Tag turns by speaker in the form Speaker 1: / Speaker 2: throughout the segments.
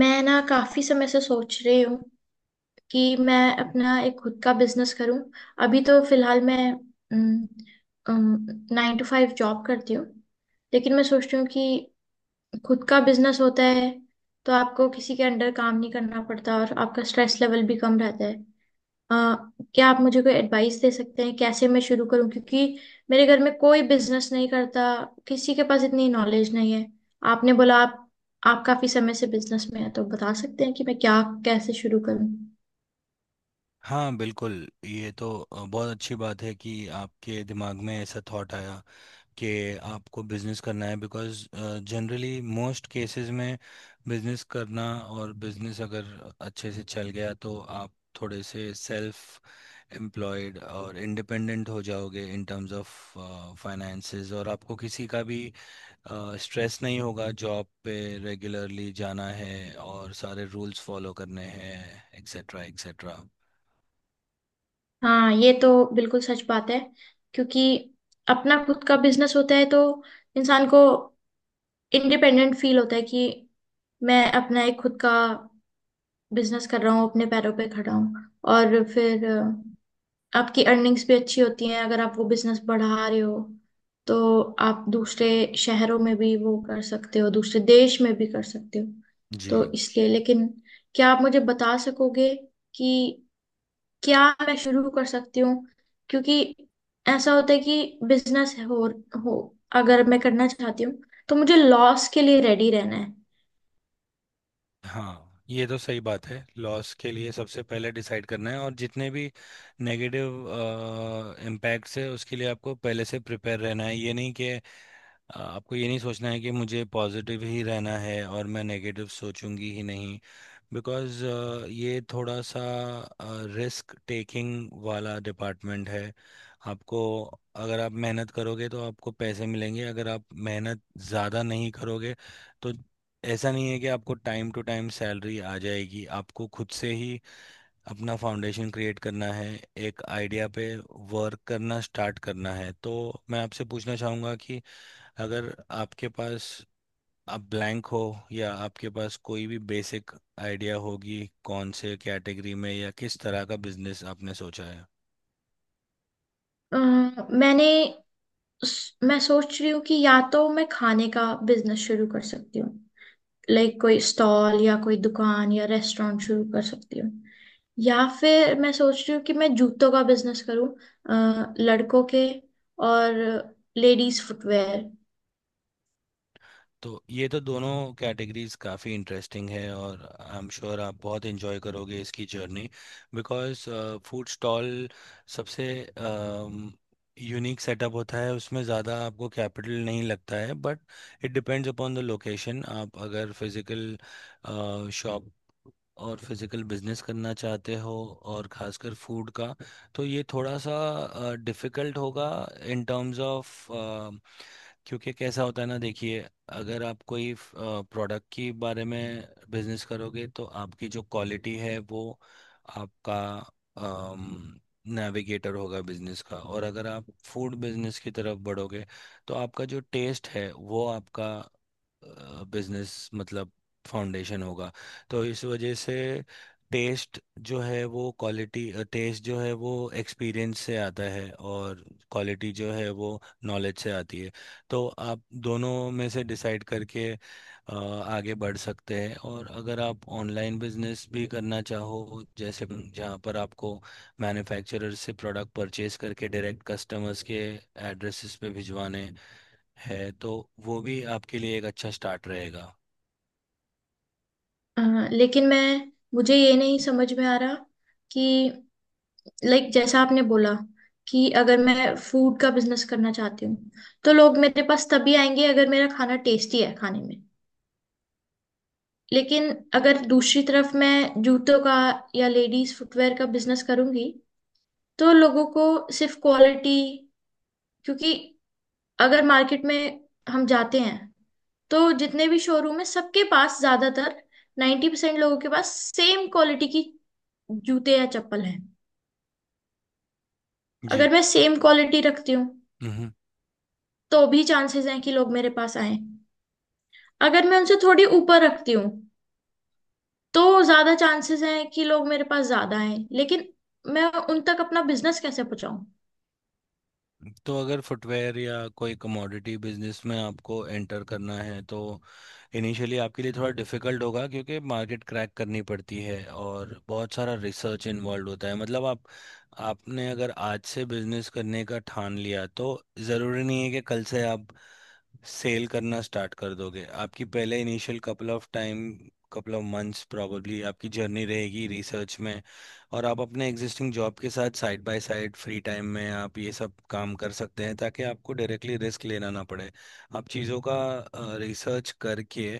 Speaker 1: मैं ना काफी समय से सोच रही हूँ कि मैं अपना एक खुद का बिजनेस करूँ। अभी तो फिलहाल मैं 9 to 5 जॉब करती हूँ। लेकिन मैं सोचती हूँ कि खुद का बिजनेस होता है तो आपको किसी के अंडर काम नहीं करना पड़ता और आपका स्ट्रेस लेवल भी कम रहता है। अ, क्या आप मुझे कोई एडवाइस दे सकते हैं कैसे मैं शुरू करूं, क्योंकि मेरे घर में कोई बिजनेस नहीं करता, किसी के पास इतनी नॉलेज नहीं है। आपने बोला आप काफी समय से बिजनेस में है तो बता सकते हैं कि मैं क्या कैसे शुरू करूं।
Speaker 2: हाँ बिल्कुल ये तो बहुत अच्छी बात है कि आपके दिमाग में ऐसा थॉट आया कि आपको बिजनेस करना है। बिकॉज़ जनरली मोस्ट केसेस में बिजनेस करना, और बिजनेस अगर अच्छे से चल गया तो आप थोड़े से सेल्फ एम्प्लॉयड और इंडिपेंडेंट हो जाओगे इन टर्म्स ऑफ फाइनेंसेस, और आपको किसी का भी स्ट्रेस नहीं होगा जॉब पे रेगुलरली जाना है और सारे रूल्स फॉलो करने हैं, एक्सेट्रा एक्सेट्रा।
Speaker 1: हाँ, ये तो बिल्कुल सच बात है, क्योंकि अपना खुद का बिजनेस होता है तो इंसान को इंडिपेंडेंट फील होता है कि मैं अपना एक खुद का बिजनेस कर रहा हूँ, अपने पैरों पे खड़ा हूँ। और फिर आपकी अर्निंग्स भी अच्छी होती हैं अगर आप वो बिजनेस बढ़ा रहे हो, तो आप दूसरे शहरों में भी वो कर सकते हो, दूसरे देश में भी कर सकते हो।
Speaker 2: जी।
Speaker 1: तो इसलिए लेकिन क्या आप मुझे बता सकोगे कि क्या मैं शुरू कर सकती हूँ, क्योंकि ऐसा होता है कि बिजनेस हो, अगर मैं करना चाहती हूँ तो मुझे लॉस के लिए रेडी रहना है।
Speaker 2: हाँ ये तो सही बात है, लॉस के लिए सबसे पहले डिसाइड करना है, और जितने भी नेगेटिव इम्पैक्ट्स है उसके लिए आपको पहले से प्रिपेयर रहना है। ये नहीं कि आपको ये नहीं सोचना है कि मुझे पॉजिटिव ही रहना है और मैं नेगेटिव सोचूंगी ही नहीं। बिकॉज ये थोड़ा सा रिस्क टेकिंग वाला डिपार्टमेंट है। आपको, अगर आप मेहनत करोगे तो आपको पैसे मिलेंगे, अगर आप मेहनत ज़्यादा नहीं करोगे तो ऐसा नहीं है कि आपको टाइम टू टाइम सैलरी आ जाएगी, आपको खुद से ही अपना फाउंडेशन क्रिएट करना है, एक आइडिया पे वर्क करना स्टार्ट करना है। तो मैं आपसे पूछना चाहूँगा कि अगर आपके पास, आप ब्लैंक हो या आपके पास कोई भी बेसिक आइडिया होगी, कौन से कैटेगरी में या किस तरह का बिजनेस आपने सोचा है।
Speaker 1: अ, मैंने मैं सोच रही हूँ कि या तो मैं खाने का बिजनेस शुरू कर सकती हूँ, लाइक कोई स्टॉल या कोई दुकान या रेस्टोरेंट शुरू कर सकती हूँ। या फिर मैं सोच रही हूँ कि मैं जूतों का बिजनेस करूँ, लड़कों के और लेडीज फुटवेयर।
Speaker 2: तो ये तो दोनों कैटेगरीज काफ़ी इंटरेस्टिंग है, और आई एम श्योर आप बहुत एंजॉय करोगे इसकी जर्नी। बिकॉज फूड स्टॉल सबसे यूनिक सेटअप होता है, उसमें ज़्यादा आपको कैपिटल नहीं लगता है, but it depends upon the location. आप अगर फिज़िकल शॉप और फिज़िकल बिजनेस करना चाहते हो, और खासकर फूड का, तो ये थोड़ा सा डिफ़िकल्ट होगा इन टर्म्स ऑफ। क्योंकि कैसा होता है ना, देखिए, अगर आप कोई प्रोडक्ट के बारे में बिजनेस करोगे तो आपकी जो क्वालिटी है वो आपका नेविगेटर होगा बिजनेस का, और अगर आप फूड बिजनेस की तरफ बढ़ोगे तो आपका जो टेस्ट है वो आपका बिजनेस मतलब फाउंडेशन होगा। तो इस वजह से टेस्ट जो है, वो क्वालिटी टेस्ट जो है वो एक्सपीरियंस से आता है, और क्वालिटी जो है वो नॉलेज से आती है। तो आप दोनों में से डिसाइड करके आगे बढ़ सकते हैं, और अगर आप ऑनलाइन बिजनेस भी करना चाहो, जैसे जहाँ पर आपको मैन्युफैक्चरर से प्रोडक्ट परचेज करके डायरेक्ट कस्टमर्स के एड्रेसेस पे भिजवाने हैं, तो वो भी आपके लिए एक अच्छा स्टार्ट रहेगा।
Speaker 1: अ, लेकिन मैं मुझे ये नहीं समझ में आ रहा कि लाइक जैसा आपने बोला कि अगर मैं फूड का बिजनेस करना चाहती हूँ तो लोग मेरे पास तभी आएंगे अगर मेरा खाना टेस्टी है खाने में। लेकिन अगर दूसरी तरफ मैं जूतों का या लेडीज फुटवेयर का बिजनेस करूंगी तो लोगों को सिर्फ क्वालिटी, क्योंकि अगर मार्केट में हम जाते हैं तो जितने भी शोरूम है सबके पास ज्यादातर 90% लोगों के पास सेम क्वालिटी की जूते या चप्पल हैं।
Speaker 2: जी।
Speaker 1: अगर मैं सेम क्वालिटी रखती हूँ तो भी चांसेस हैं कि लोग मेरे पास आए। अगर मैं उनसे थोड़ी ऊपर रखती हूँ तो ज्यादा चांसेस हैं कि लोग मेरे पास ज्यादा आए, लेकिन मैं उन तक अपना बिजनेस कैसे पहुंचाऊं?
Speaker 2: तो अगर फुटवेयर या कोई कमोडिटी बिजनेस में आपको एंटर करना है, तो इनिशियली आपके लिए थोड़ा डिफिकल्ट होगा, क्योंकि मार्केट क्रैक करनी पड़ती है और बहुत सारा रिसर्च इन्वॉल्व होता है। मतलब आप आपने अगर आज से बिजनेस करने का ठान लिया, तो ज़रूरी नहीं है कि कल से आप सेल करना स्टार्ट कर दोगे, आपकी पहले initial couple of months probably आपकी जर्नी रहेगी रिसर्च में। और आप अपने एग्जिस्टिंग जॉब के साथ side by side free time में आप ये सब काम कर सकते हैं, ताकि आपको डायरेक्टली रिस्क लेना ना पड़े। आप चीज़ों का रिसर्च करके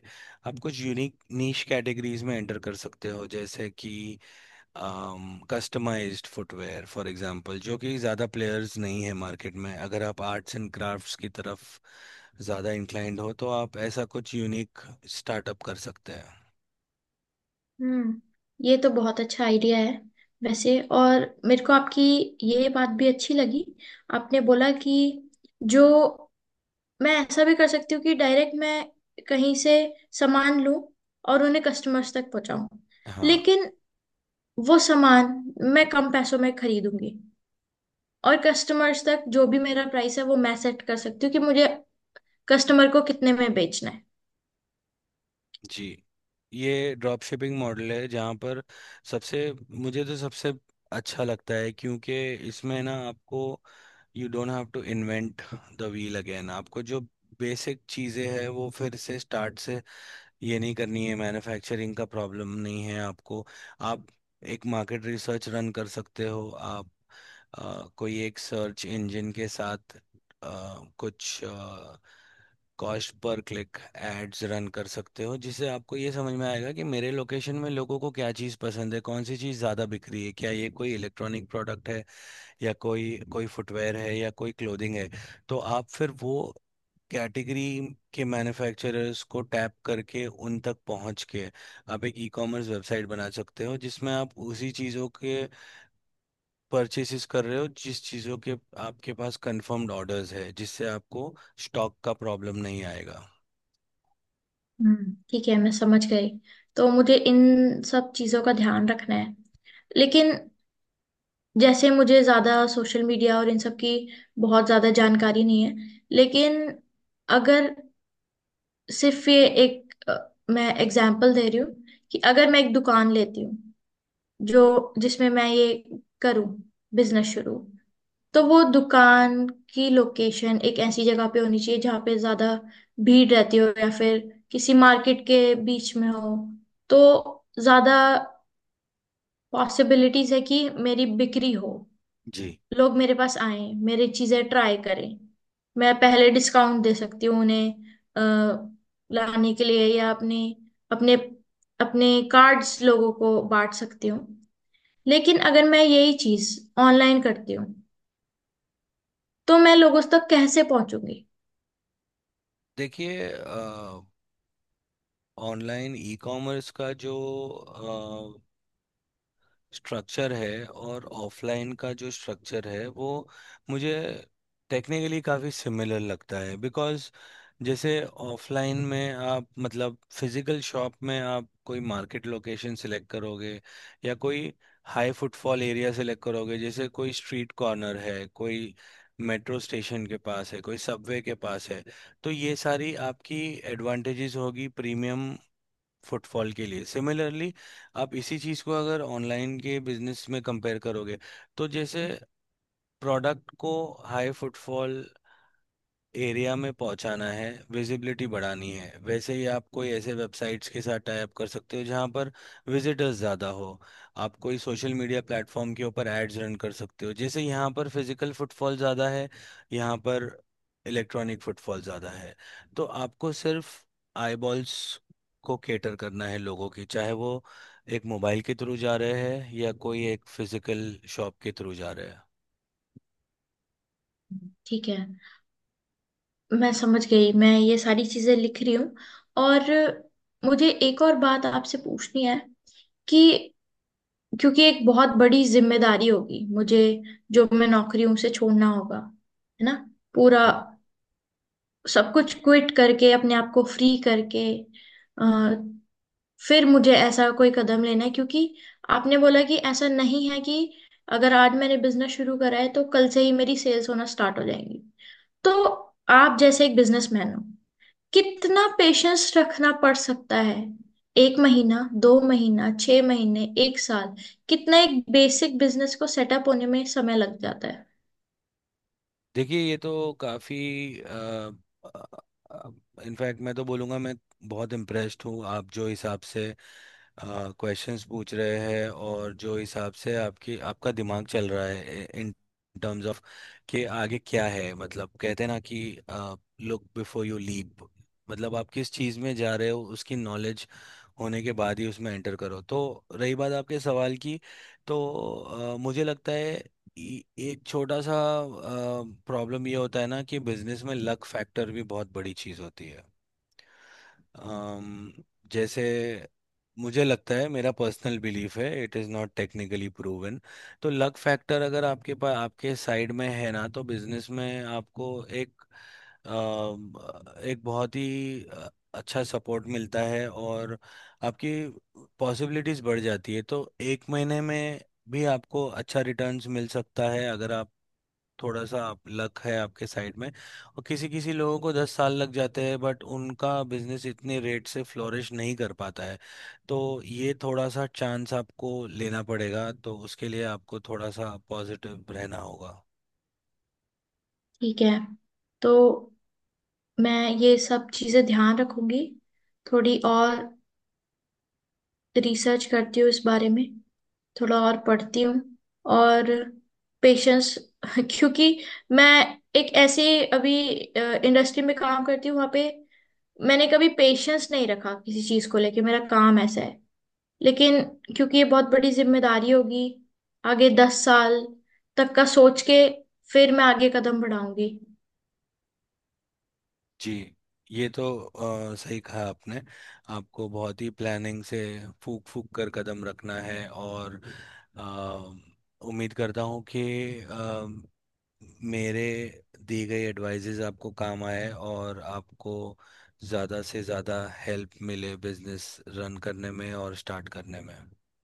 Speaker 2: आप कुछ यूनिक नीश कैटेगरीज में एंटर कर सकते हो, जैसे कि कस्टमाइज्ड फुटवेयर फॉर एग्जांपल, जो कि ज़्यादा प्लेयर्स नहीं है मार्केट में। अगर आप आर्ट्स एंड क्राफ्ट्स की तरफ ज़्यादा इंक्लाइंड हो, तो आप ऐसा कुछ यूनिक स्टार्टअप कर सकते हैं।
Speaker 1: हम्म ये तो बहुत अच्छा आइडिया है। वैसे और मेरे को आपकी ये बात भी अच्छी लगी। आपने बोला कि जो मैं ऐसा भी कर सकती हूँ कि डायरेक्ट मैं कहीं से सामान लूं और उन्हें कस्टमर्स तक पहुंचाऊं।
Speaker 2: हाँ।
Speaker 1: लेकिन वो सामान मैं कम पैसों में खरीदूंगी और कस्टमर्स तक जो भी मेरा प्राइस है वो मैं सेट कर सकती हूँ कि मुझे कस्टमर को कितने में बेचना है।
Speaker 2: जी। ये ड्रॉप शिपिंग मॉडल है, जहाँ पर सबसे मुझे तो सबसे अच्छा लगता है क्योंकि इसमें ना आपको, you don't have to invent the wheel again, आपको जो बेसिक चीज़ें हैं वो फिर से स्टार्ट से ये नहीं करनी है, मैन्युफैक्चरिंग का प्रॉब्लम नहीं है आपको। आप एक मार्केट रिसर्च रन कर सकते हो, आप कोई एक सर्च इंजन के साथ अ, कुछ cost per click ads run कर सकते हो, जिससे आपको ये समझ में आएगा कि मेरे लोकेशन में लोगों को क्या चीज़ पसंद है, कौन सी चीज़ ज़्यादा बिक रही है, क्या ये कोई इलेक्ट्रॉनिक प्रोडक्ट है, या कोई कोई फुटवेयर है, या कोई क्लोथिंग है। तो आप फिर वो कैटेगरी के मैन्युफैक्चरर्स को टैप करके उन तक पहुंच के आप एक ई कॉमर्स वेबसाइट बना सकते हो, जिसमें आप उसी चीज़ों के परचेसेस कर रहे हो जिस चीज़ों के आपके पास कंफर्म्ड ऑर्डर्स है, जिससे आपको स्टॉक का प्रॉब्लम नहीं आएगा।
Speaker 1: ठीक है, मैं समझ गई। तो मुझे इन सब चीजों का ध्यान रखना है। लेकिन जैसे मुझे ज्यादा सोशल मीडिया और इन सब की बहुत ज्यादा जानकारी नहीं है। लेकिन अगर सिर्फ ये एक मैं एग्जाम्पल दे रही हूँ कि अगर मैं एक दुकान लेती हूँ जो जिसमें मैं ये करूँ बिजनेस शुरू, तो वो दुकान की लोकेशन एक ऐसी जगह पे होनी चाहिए जहाँ पे ज्यादा भीड़ रहती हो या फिर किसी मार्केट के बीच में हो, तो ज्यादा पॉसिबिलिटीज है कि मेरी बिक्री हो,
Speaker 2: जी।
Speaker 1: लोग मेरे पास आए, मेरी चीजें ट्राई करें। मैं पहले डिस्काउंट दे सकती हूँ उन्हें अ, लाने के लिए, या अपने अपने अपने कार्ड्स लोगों को बांट सकती हूँ। लेकिन अगर मैं यही चीज ऑनलाइन करती हूँ तो मैं लोगों तक कैसे पहुंचूंगी?
Speaker 2: देखिए, ऑनलाइन ई कॉमर्स का जो स्ट्रक्चर है और ऑफलाइन का जो स्ट्रक्चर है वो मुझे टेक्निकली काफ़ी सिमिलर लगता है। बिकॉज़ जैसे ऑफलाइन में आप, मतलब फिजिकल शॉप में आप कोई मार्केट लोकेशन सिलेक्ट करोगे या कोई हाई फुटफॉल एरिया सिलेक्ट करोगे, जैसे कोई स्ट्रीट कॉर्नर है, कोई मेट्रो स्टेशन के पास है, कोई सबवे के पास है, तो ये सारी आपकी एडवांटेजेस होगी प्रीमियम फुटफॉल के लिए। सिमिलरली आप इसी चीज़ को अगर ऑनलाइन के बिजनेस में कंपेयर करोगे, तो जैसे प्रोडक्ट को हाई फुटफॉल एरिया में पहुंचाना है, विजिबिलिटी बढ़ानी है, वैसे ही आप कोई ऐसे वेबसाइट्स के साथ टाई अप कर सकते हो जहां पर विजिटर्स ज़्यादा हो। आप कोई सोशल मीडिया प्लेटफॉर्म के ऊपर एड्स रन कर सकते हो, जैसे यहाँ पर फिजिकल फुटफॉल ज़्यादा है, यहाँ पर इलेक्ट्रॉनिक फुटफॉल ज़्यादा है। तो आपको सिर्फ आईबॉल्स को केटर करना है लोगों की, चाहे वो एक मोबाइल के थ्रू जा रहे हैं या कोई एक फिजिकल शॉप के थ्रू जा रहे
Speaker 1: ठीक है, मैं समझ गई, मैं ये सारी चीजें लिख रही हूँ। और मुझे एक और बात आपसे पूछनी है कि क्योंकि एक बहुत बड़ी जिम्मेदारी होगी मुझे, जो मैं नौकरी हूं उसे छोड़ना होगा, है ना, पूरा
Speaker 2: हैं।
Speaker 1: सब कुछ क्विट करके अपने आप को फ्री करके आ, फिर मुझे ऐसा कोई कदम लेना है, क्योंकि आपने बोला कि ऐसा नहीं है कि अगर आज मैंने बिजनेस शुरू करा है तो कल से ही मेरी सेल्स होना स्टार्ट हो जाएंगी। तो आप जैसे एक बिजनेसमैन हो, कितना पेशेंस रखना पड़ सकता है? एक महीना, 2 महीना, 6 महीने, एक साल, कितना एक बेसिक बिजनेस को सेटअप होने में समय लग जाता है?
Speaker 2: देखिए, ये तो काफ़ी, इनफैक्ट मैं तो बोलूँगा, मैं बहुत इम्प्रेस्ड हूँ आप जो हिसाब से क्वेश्चंस पूछ रहे हैं, और जो हिसाब से आपकी आपका दिमाग चल रहा है इन टर्म्स ऑफ कि आगे क्या है। मतलब कहते हैं ना कि लुक बिफोर यू लीप, मतलब आप किस चीज़ में जा रहे हो उसकी नॉलेज होने के बाद ही उसमें एंटर करो। तो रही बात आपके सवाल की, तो मुझे लगता है ए- एक छोटा सा प्रॉब्लम ये होता है ना, कि बिजनेस में लक फैक्टर भी बहुत बड़ी चीज़ होती है। अम, जैसे मुझे लगता है, मेरा पर्सनल बिलीफ है, it is not technically proven. तो लक फैक्टर अगर आपके पास आपके साइड में है ना, तो बिजनेस में आपको अम, एक बहुत ही अच्छा सपोर्ट मिलता है, और आपकी पॉसिबिलिटीज़ बढ़ जाती है। तो एक महीने में भी आपको अच्छा रिटर्न्स मिल सकता है अगर आप, थोड़ा सा आप लक है आपके साइड में, और किसी किसी लोगों को 10 साल लग जाते हैं, बट उनका बिजनेस इतने रेट से फ्लोरिश नहीं कर पाता है। तो ये थोड़ा सा चांस आपको लेना पड़ेगा, तो उसके लिए आपको थोड़ा सा पॉजिटिव रहना होगा।
Speaker 1: ठीक है, तो मैं ये सब चीजें ध्यान रखूंगी, थोड़ी और रिसर्च करती हूँ इस बारे में, थोड़ा और पढ़ती हूँ और पेशेंस क्योंकि मैं एक ऐसे अभी इंडस्ट्री में काम करती हूँ, वहाँ पे मैंने कभी पेशेंस नहीं रखा किसी चीज़ को लेके, मेरा काम ऐसा है। लेकिन क्योंकि ये बहुत बड़ी जिम्मेदारी होगी, आगे 10 साल तक का सोच के फिर मैं आगे कदम बढ़ाऊंगी।
Speaker 2: जी। ये तो सही कहा आपने, आपको बहुत ही प्लानिंग से फूक फूक कर कदम रखना है, और अ, उम्मीद करता हूँ कि मेरे दी गई एडवाइजेज आपको काम आए, और आपको ज़्यादा से ज़्यादा हेल्प मिले बिजनेस रन करने में और स्टार्ट करने में।